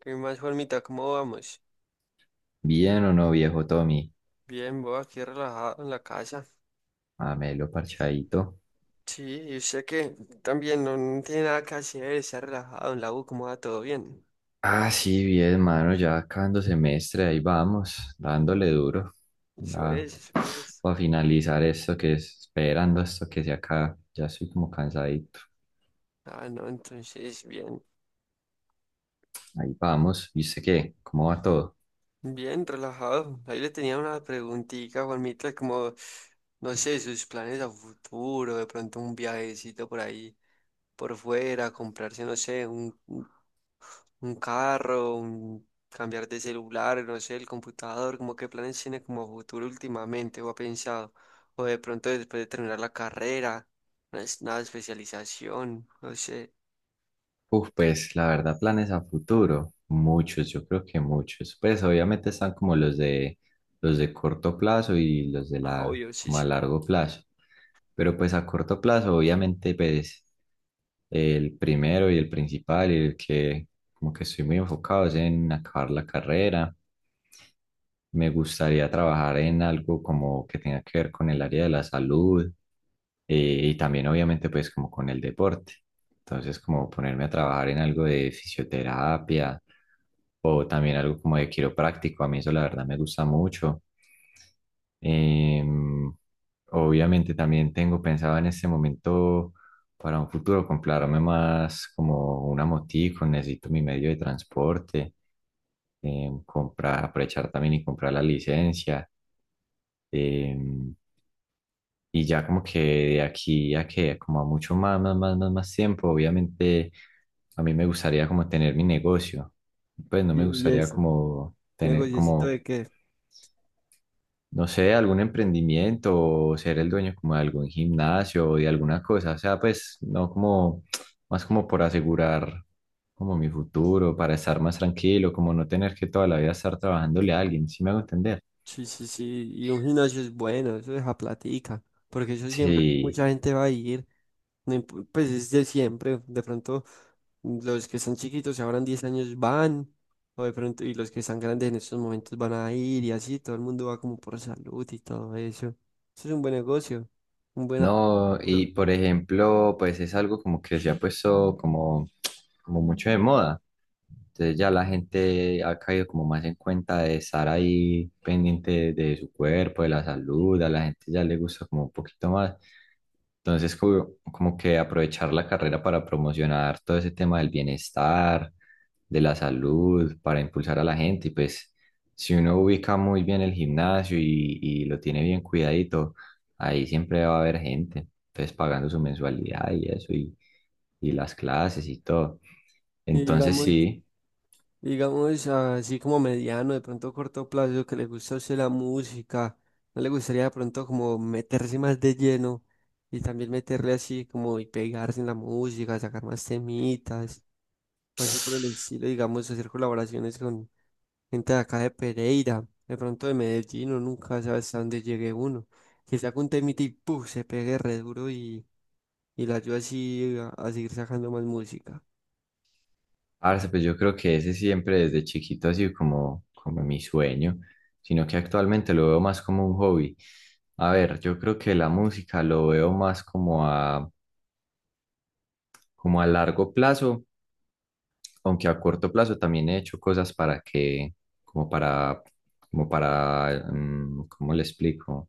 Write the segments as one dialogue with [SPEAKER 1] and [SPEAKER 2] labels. [SPEAKER 1] ¿Qué más, Juanmita? ¿Cómo vamos?
[SPEAKER 2] Bien o no, viejo Tommy.
[SPEAKER 1] Bien, vos aquí relajado en la casa.
[SPEAKER 2] Amelo parchadito.
[SPEAKER 1] Sí, y usted que también no tiene nada que hacer, está relajado en la U, ¿cómo va todo bien?
[SPEAKER 2] Sí, bien, mano. Ya acabando semestre, ahí vamos, dándole duro.
[SPEAKER 1] Eso
[SPEAKER 2] Ya,
[SPEAKER 1] es, eso es.
[SPEAKER 2] para finalizar esto que es, esperando esto que se acaba. Ya estoy como cansadito.
[SPEAKER 1] Ah, no, entonces, bien,
[SPEAKER 2] Ahí vamos. ¿Y qué? ¿Cómo va todo?
[SPEAKER 1] bien, relajado. Ahí le tenía una preguntita, Juanmita, como, no sé, sus planes a futuro, de pronto un viajecito por ahí, por fuera, comprarse, no sé, un carro, un cambiar de celular, no sé, el computador, como qué planes tiene como futuro últimamente o ha pensado, o de pronto después de terminar la carrera, una, una especialización, no sé,
[SPEAKER 2] Pues la verdad, planes a futuro, muchos, yo creo que muchos. Pues obviamente están como los de corto plazo y los de
[SPEAKER 1] ah,
[SPEAKER 2] la
[SPEAKER 1] obvio, sí,
[SPEAKER 2] como a
[SPEAKER 1] sí.
[SPEAKER 2] largo plazo. Pero pues a corto plazo, obviamente, pues el primero y el principal y el que como que estoy muy enfocado es en acabar la carrera. Me gustaría trabajar en algo como que tenga que ver con el área de la salud, y también obviamente pues como con el deporte. Entonces como ponerme a trabajar en algo de fisioterapia o también algo como de quiropráctico. A mí eso la verdad me gusta mucho. Em, obviamente también tengo pensado en este momento para un futuro comprarme más como una motico, necesito mi medio de transporte. Comprar, aprovechar también y comprar la licencia. eh, y ya como que de aquí a que, como a mucho más tiempo, obviamente a mí me gustaría como tener mi negocio. Pues no
[SPEAKER 1] Y,
[SPEAKER 2] me
[SPEAKER 1] y
[SPEAKER 2] gustaría
[SPEAKER 1] eso,
[SPEAKER 2] como tener
[SPEAKER 1] negociecito de
[SPEAKER 2] como
[SPEAKER 1] qué.
[SPEAKER 2] no sé, algún emprendimiento o ser el dueño como de algún gimnasio o de alguna cosa. O sea, pues no como, más como por asegurar como mi futuro, para estar más tranquilo, como no tener que toda la vida estar trabajándole a alguien, ¿sí me hago entender?
[SPEAKER 1] Sí, sí, sí. Y un gimnasio es bueno, eso deja platica. Porque eso siempre
[SPEAKER 2] Sí.
[SPEAKER 1] mucha gente va a ir. No imp- Pues es de siempre, de pronto los que están chiquitos si habrán 10 años van, o de pronto, y los que están grandes en estos momentos van a ir y así, todo el mundo va como por salud y todo eso. Eso es un buen negocio, un buen
[SPEAKER 2] No, y
[SPEAKER 1] apuro.
[SPEAKER 2] por ejemplo, pues es algo como que se ha puesto como, como mucho de moda. Entonces ya la gente ha caído como más en cuenta de estar ahí pendiente de su cuerpo, de la salud, a la gente ya le gusta como un poquito más. Entonces como, como que aprovechar la carrera para promocionar todo ese tema del bienestar, de la salud, para impulsar a la gente. Y pues si uno ubica muy bien el gimnasio y lo tiene bien cuidadito, ahí siempre va a haber gente, entonces pagando su mensualidad y eso, y las clases y todo.
[SPEAKER 1] Y
[SPEAKER 2] Entonces
[SPEAKER 1] digamos,
[SPEAKER 2] sí,
[SPEAKER 1] digamos así como mediano, de pronto corto plazo, que le gusta a usted la música, no le gustaría de pronto como meterse más de lleno y también meterle así como y pegarse en la música, sacar más temitas. O así por el estilo, digamos, hacer colaboraciones con gente de acá de Pereira, de pronto de Medellín, o nunca sabes hasta dónde llegue uno, que saca un temita y ¡puf! Se pegue re duro y la ayuda así a seguir sacando más música.
[SPEAKER 2] parce, pues yo creo que ese siempre desde chiquito ha sido como, como mi sueño, sino que actualmente lo veo más como un hobby. A ver, yo creo que la música lo veo más como a, como a largo plazo, aunque a corto plazo también he hecho cosas para que, como para, como para, ¿cómo le explico?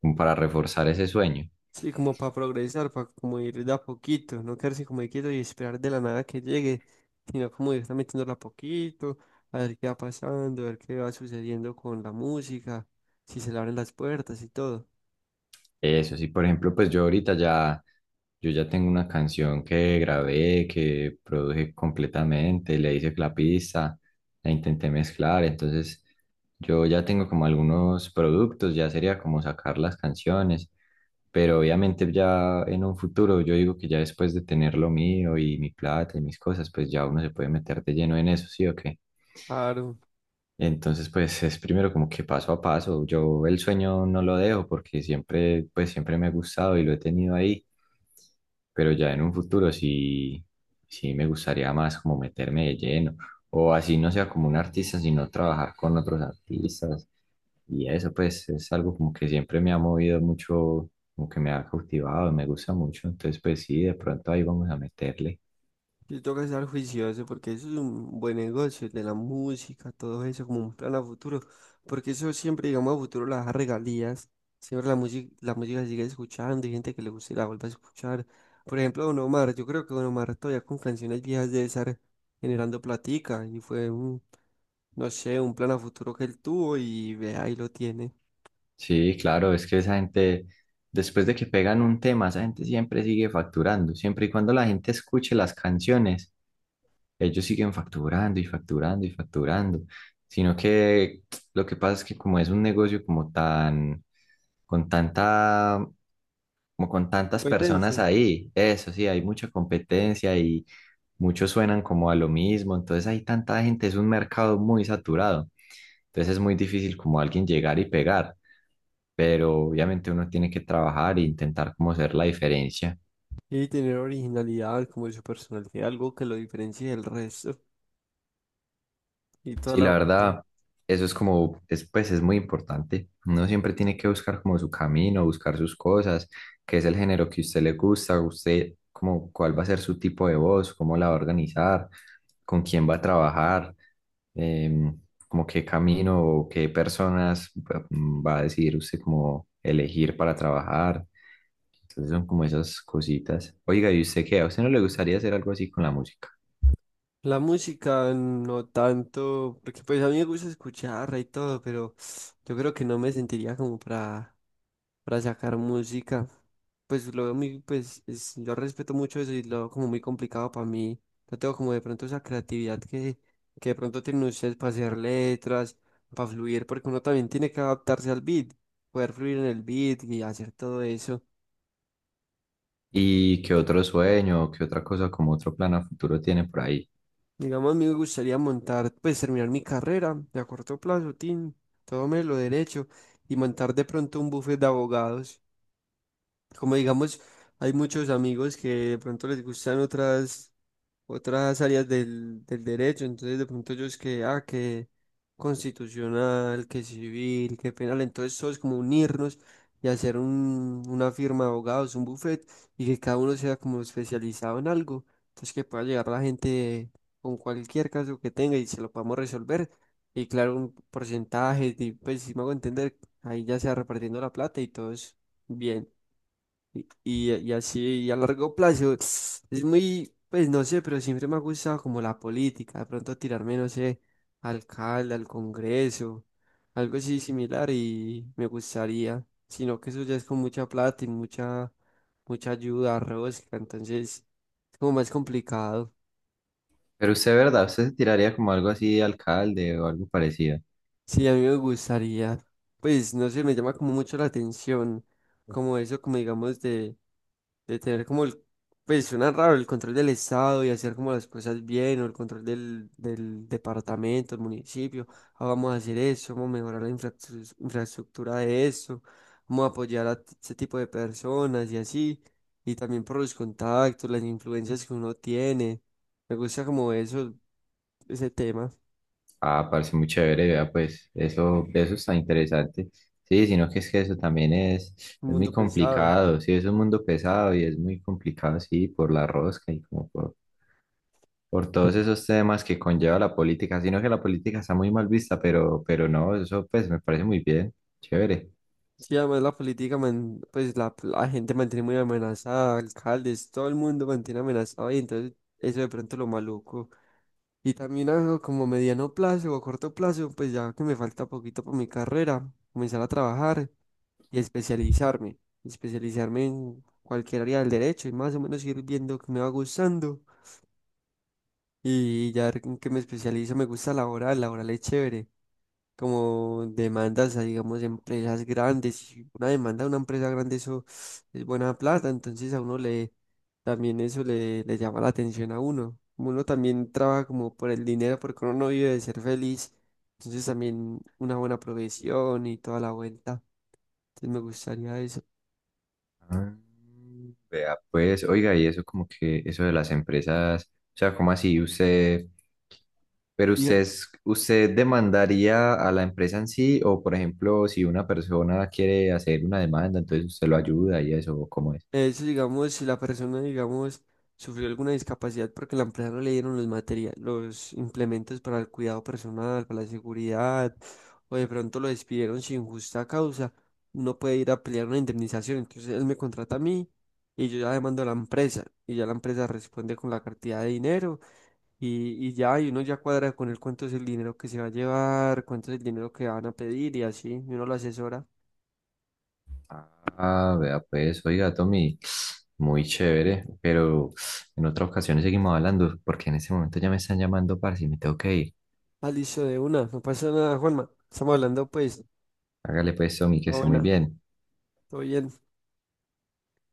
[SPEAKER 2] Como para reforzar ese sueño.
[SPEAKER 1] Sí, como para progresar, para como ir de a poquito, no quedarse como quieto y esperar de la nada que llegue, sino como ir metiéndola a poquito, a ver qué va pasando, a ver qué va sucediendo con la música, si se le abren las puertas y todo.
[SPEAKER 2] Eso sí, por ejemplo, pues yo ahorita ya, yo ya tengo una canción que grabé, que produje completamente, le hice la pista, la intenté mezclar, entonces yo ya tengo como algunos productos, ya sería como sacar las canciones, pero obviamente ya en un futuro, yo digo que ya después de tener lo mío y mi plata y mis cosas, pues ya uno se puede meter de lleno en eso, ¿sí o qué?
[SPEAKER 1] Claro.
[SPEAKER 2] Entonces, pues es primero como que paso a paso. Yo el sueño no lo dejo porque siempre, pues siempre me ha gustado y lo he tenido ahí, pero ya en un futuro sí, sí me gustaría más como meterme de lleno. O así no sea como un artista, sino trabajar con otros artistas. Y eso pues es algo como que siempre me ha movido mucho, como que me ha cautivado, me gusta mucho. Entonces, pues sí, de pronto ahí vamos a meterle.
[SPEAKER 1] Sí, toca estar juicioso porque eso es un buen negocio, el de la música, todo eso, como un plan a futuro. Porque eso siempre, digamos, a futuro las regalías. Siempre la música se sigue escuchando y gente que le guste la vuelve a escuchar. Por ejemplo, Don Omar, yo creo que Don Omar todavía con canciones viejas debe estar generando platica. Y fue un, no sé, un plan a futuro que él tuvo y ve, ahí lo tiene.
[SPEAKER 2] Sí, claro, es que esa gente, después de que pegan un tema, esa gente siempre sigue facturando. Siempre y cuando la gente escuche las canciones, ellos siguen facturando y facturando y facturando. Sino que lo que pasa es que como es un negocio como tan, con tanta, como con tantas personas
[SPEAKER 1] Competencia.
[SPEAKER 2] ahí, eso sí, hay mucha competencia y muchos suenan como a lo mismo. Entonces hay tanta gente, es un mercado muy saturado. Entonces es muy difícil como alguien llegar y pegar, pero obviamente uno tiene que trabajar e intentar como hacer la diferencia.
[SPEAKER 1] Y tener originalidad como su personalidad, algo que lo diferencie del resto y toda
[SPEAKER 2] Sí,
[SPEAKER 1] la
[SPEAKER 2] la
[SPEAKER 1] vuelta.
[SPEAKER 2] verdad, eso es como, es, pues es muy importante. Uno siempre tiene que buscar como su camino, buscar sus cosas, qué es el género que a usted le gusta, usted como cuál va a ser su tipo de voz, cómo la va a organizar, con quién va a trabajar, em, como qué camino o qué personas va a decidir usted como elegir para trabajar. Entonces son como esas cositas. Oiga, ¿y usted qué? ¿A usted no le gustaría hacer algo así con la música?
[SPEAKER 1] La música no tanto, porque pues a mí me gusta escucharla y todo, pero yo creo que no me sentiría como para sacar música. Pues lo veo muy, yo respeto mucho eso y lo veo como muy complicado para mí. No tengo como de pronto esa creatividad que de pronto tienen ustedes para hacer letras, para fluir, porque uno también tiene que adaptarse al beat, poder fluir en el beat y hacer todo eso.
[SPEAKER 2] ¿Y qué otro sueño, qué otra cosa, como otro plan a futuro tiene por ahí?
[SPEAKER 1] Digamos, a mí me gustaría montar, pues terminar mi carrera de a corto plazo, tin, todo me lo derecho, y montar de pronto un buffet de abogados. Como digamos, hay muchos amigos que de pronto les gustan otras áreas del derecho, entonces de pronto ellos que, ah, que constitucional, que civil, que penal, entonces todos como unirnos y hacer un, una firma de abogados, un buffet, y que cada uno sea como especializado en algo, entonces que pueda llegar la gente con cualquier caso que tenga y se lo podamos resolver, y claro, un porcentaje, y pues si me hago entender, ahí ya se va repartiendo la plata y todo es bien. Y así, y a largo plazo, es muy, pues no sé, pero siempre me ha gustado como la política, de pronto tirarme, no sé, alcalde, al Congreso, algo así similar y me gustaría, sino que eso ya es con mucha plata y mucha, mucha ayuda, rosca, entonces es como más complicado.
[SPEAKER 2] Pero usted, ¿verdad? ¿Usted se tiraría como algo así de alcalde o algo parecido?
[SPEAKER 1] Sí, a mí me gustaría, pues no sé, me llama como mucho la atención, como eso, como digamos de tener como el, pues suena raro, el control del estado y hacer como las cosas bien, o el control del departamento, el municipio, ah, vamos a hacer eso, vamos a mejorar la infraestructura de eso, vamos a apoyar a ese tipo de personas y así, y también por los contactos, las influencias que uno tiene, me gusta como eso, ese tema,
[SPEAKER 2] Ah, parece muy chévere, vea, pues eso está interesante. Sí, sino que es que eso también
[SPEAKER 1] un
[SPEAKER 2] es muy
[SPEAKER 1] mundo pesado.
[SPEAKER 2] complicado, sí, es un mundo pesado y es muy complicado, sí, por la rosca y como por todos esos temas que conlleva la política, sino que la política está muy mal vista, pero no, eso pues me parece muy bien, chévere.
[SPEAKER 1] Sí, además la política, pues la gente mantiene muy amenazada, alcaldes, todo el mundo mantiene amenazado y entonces eso de pronto lo maluco. Y también algo como mediano plazo o corto plazo, pues ya que me falta poquito para mi carrera, comenzar a trabajar y especializarme, especializarme en cualquier área del derecho y más o menos ir viendo que me va gustando y ya en que me especializo me gusta laboral, laboral es chévere como demandas a, digamos, empresas grandes. Y una demanda a una empresa grande, eso es buena plata, entonces a uno le, también eso le, le llama la atención a uno. Como uno también trabaja como por el dinero, porque uno no vive de ser feliz, entonces también una buena profesión y toda la vuelta. Entonces me gustaría eso.
[SPEAKER 2] Ah, Vea, pues, oiga, y eso como que, eso de las empresas, o sea, ¿cómo así? Usted, pero
[SPEAKER 1] Diga-
[SPEAKER 2] usted, usted demandaría a la empresa en sí, o por ejemplo, si una persona quiere hacer una demanda, entonces usted lo ayuda y eso, ¿cómo es?
[SPEAKER 1] Es, digamos, si la persona, digamos, sufrió alguna discapacidad porque la empresa no le dieron los materiales, los implementos para el cuidado personal, para la seguridad, o de pronto lo despidieron sin justa causa, no puede ir a pelear una indemnización. Entonces él me contrata a mí y yo ya demando a la empresa y ya la empresa responde con la cantidad de dinero y ya, y uno ya cuadra con él cuánto es el dinero que se va a llevar, cuánto es el dinero que van a pedir y así, y uno lo asesora.
[SPEAKER 2] Ah, vea pues, oiga, Tommy, muy chévere, pero en otra ocasión seguimos hablando, porque en este momento ya me están llamando, parce, y me tengo que ir.
[SPEAKER 1] Ah, listo, de una, no pasa nada, Juanma. Estamos hablando pues.
[SPEAKER 2] Hágale pues, Tommy, que
[SPEAKER 1] Ah,
[SPEAKER 2] esté muy
[SPEAKER 1] buena,
[SPEAKER 2] bien.
[SPEAKER 1] todo bien.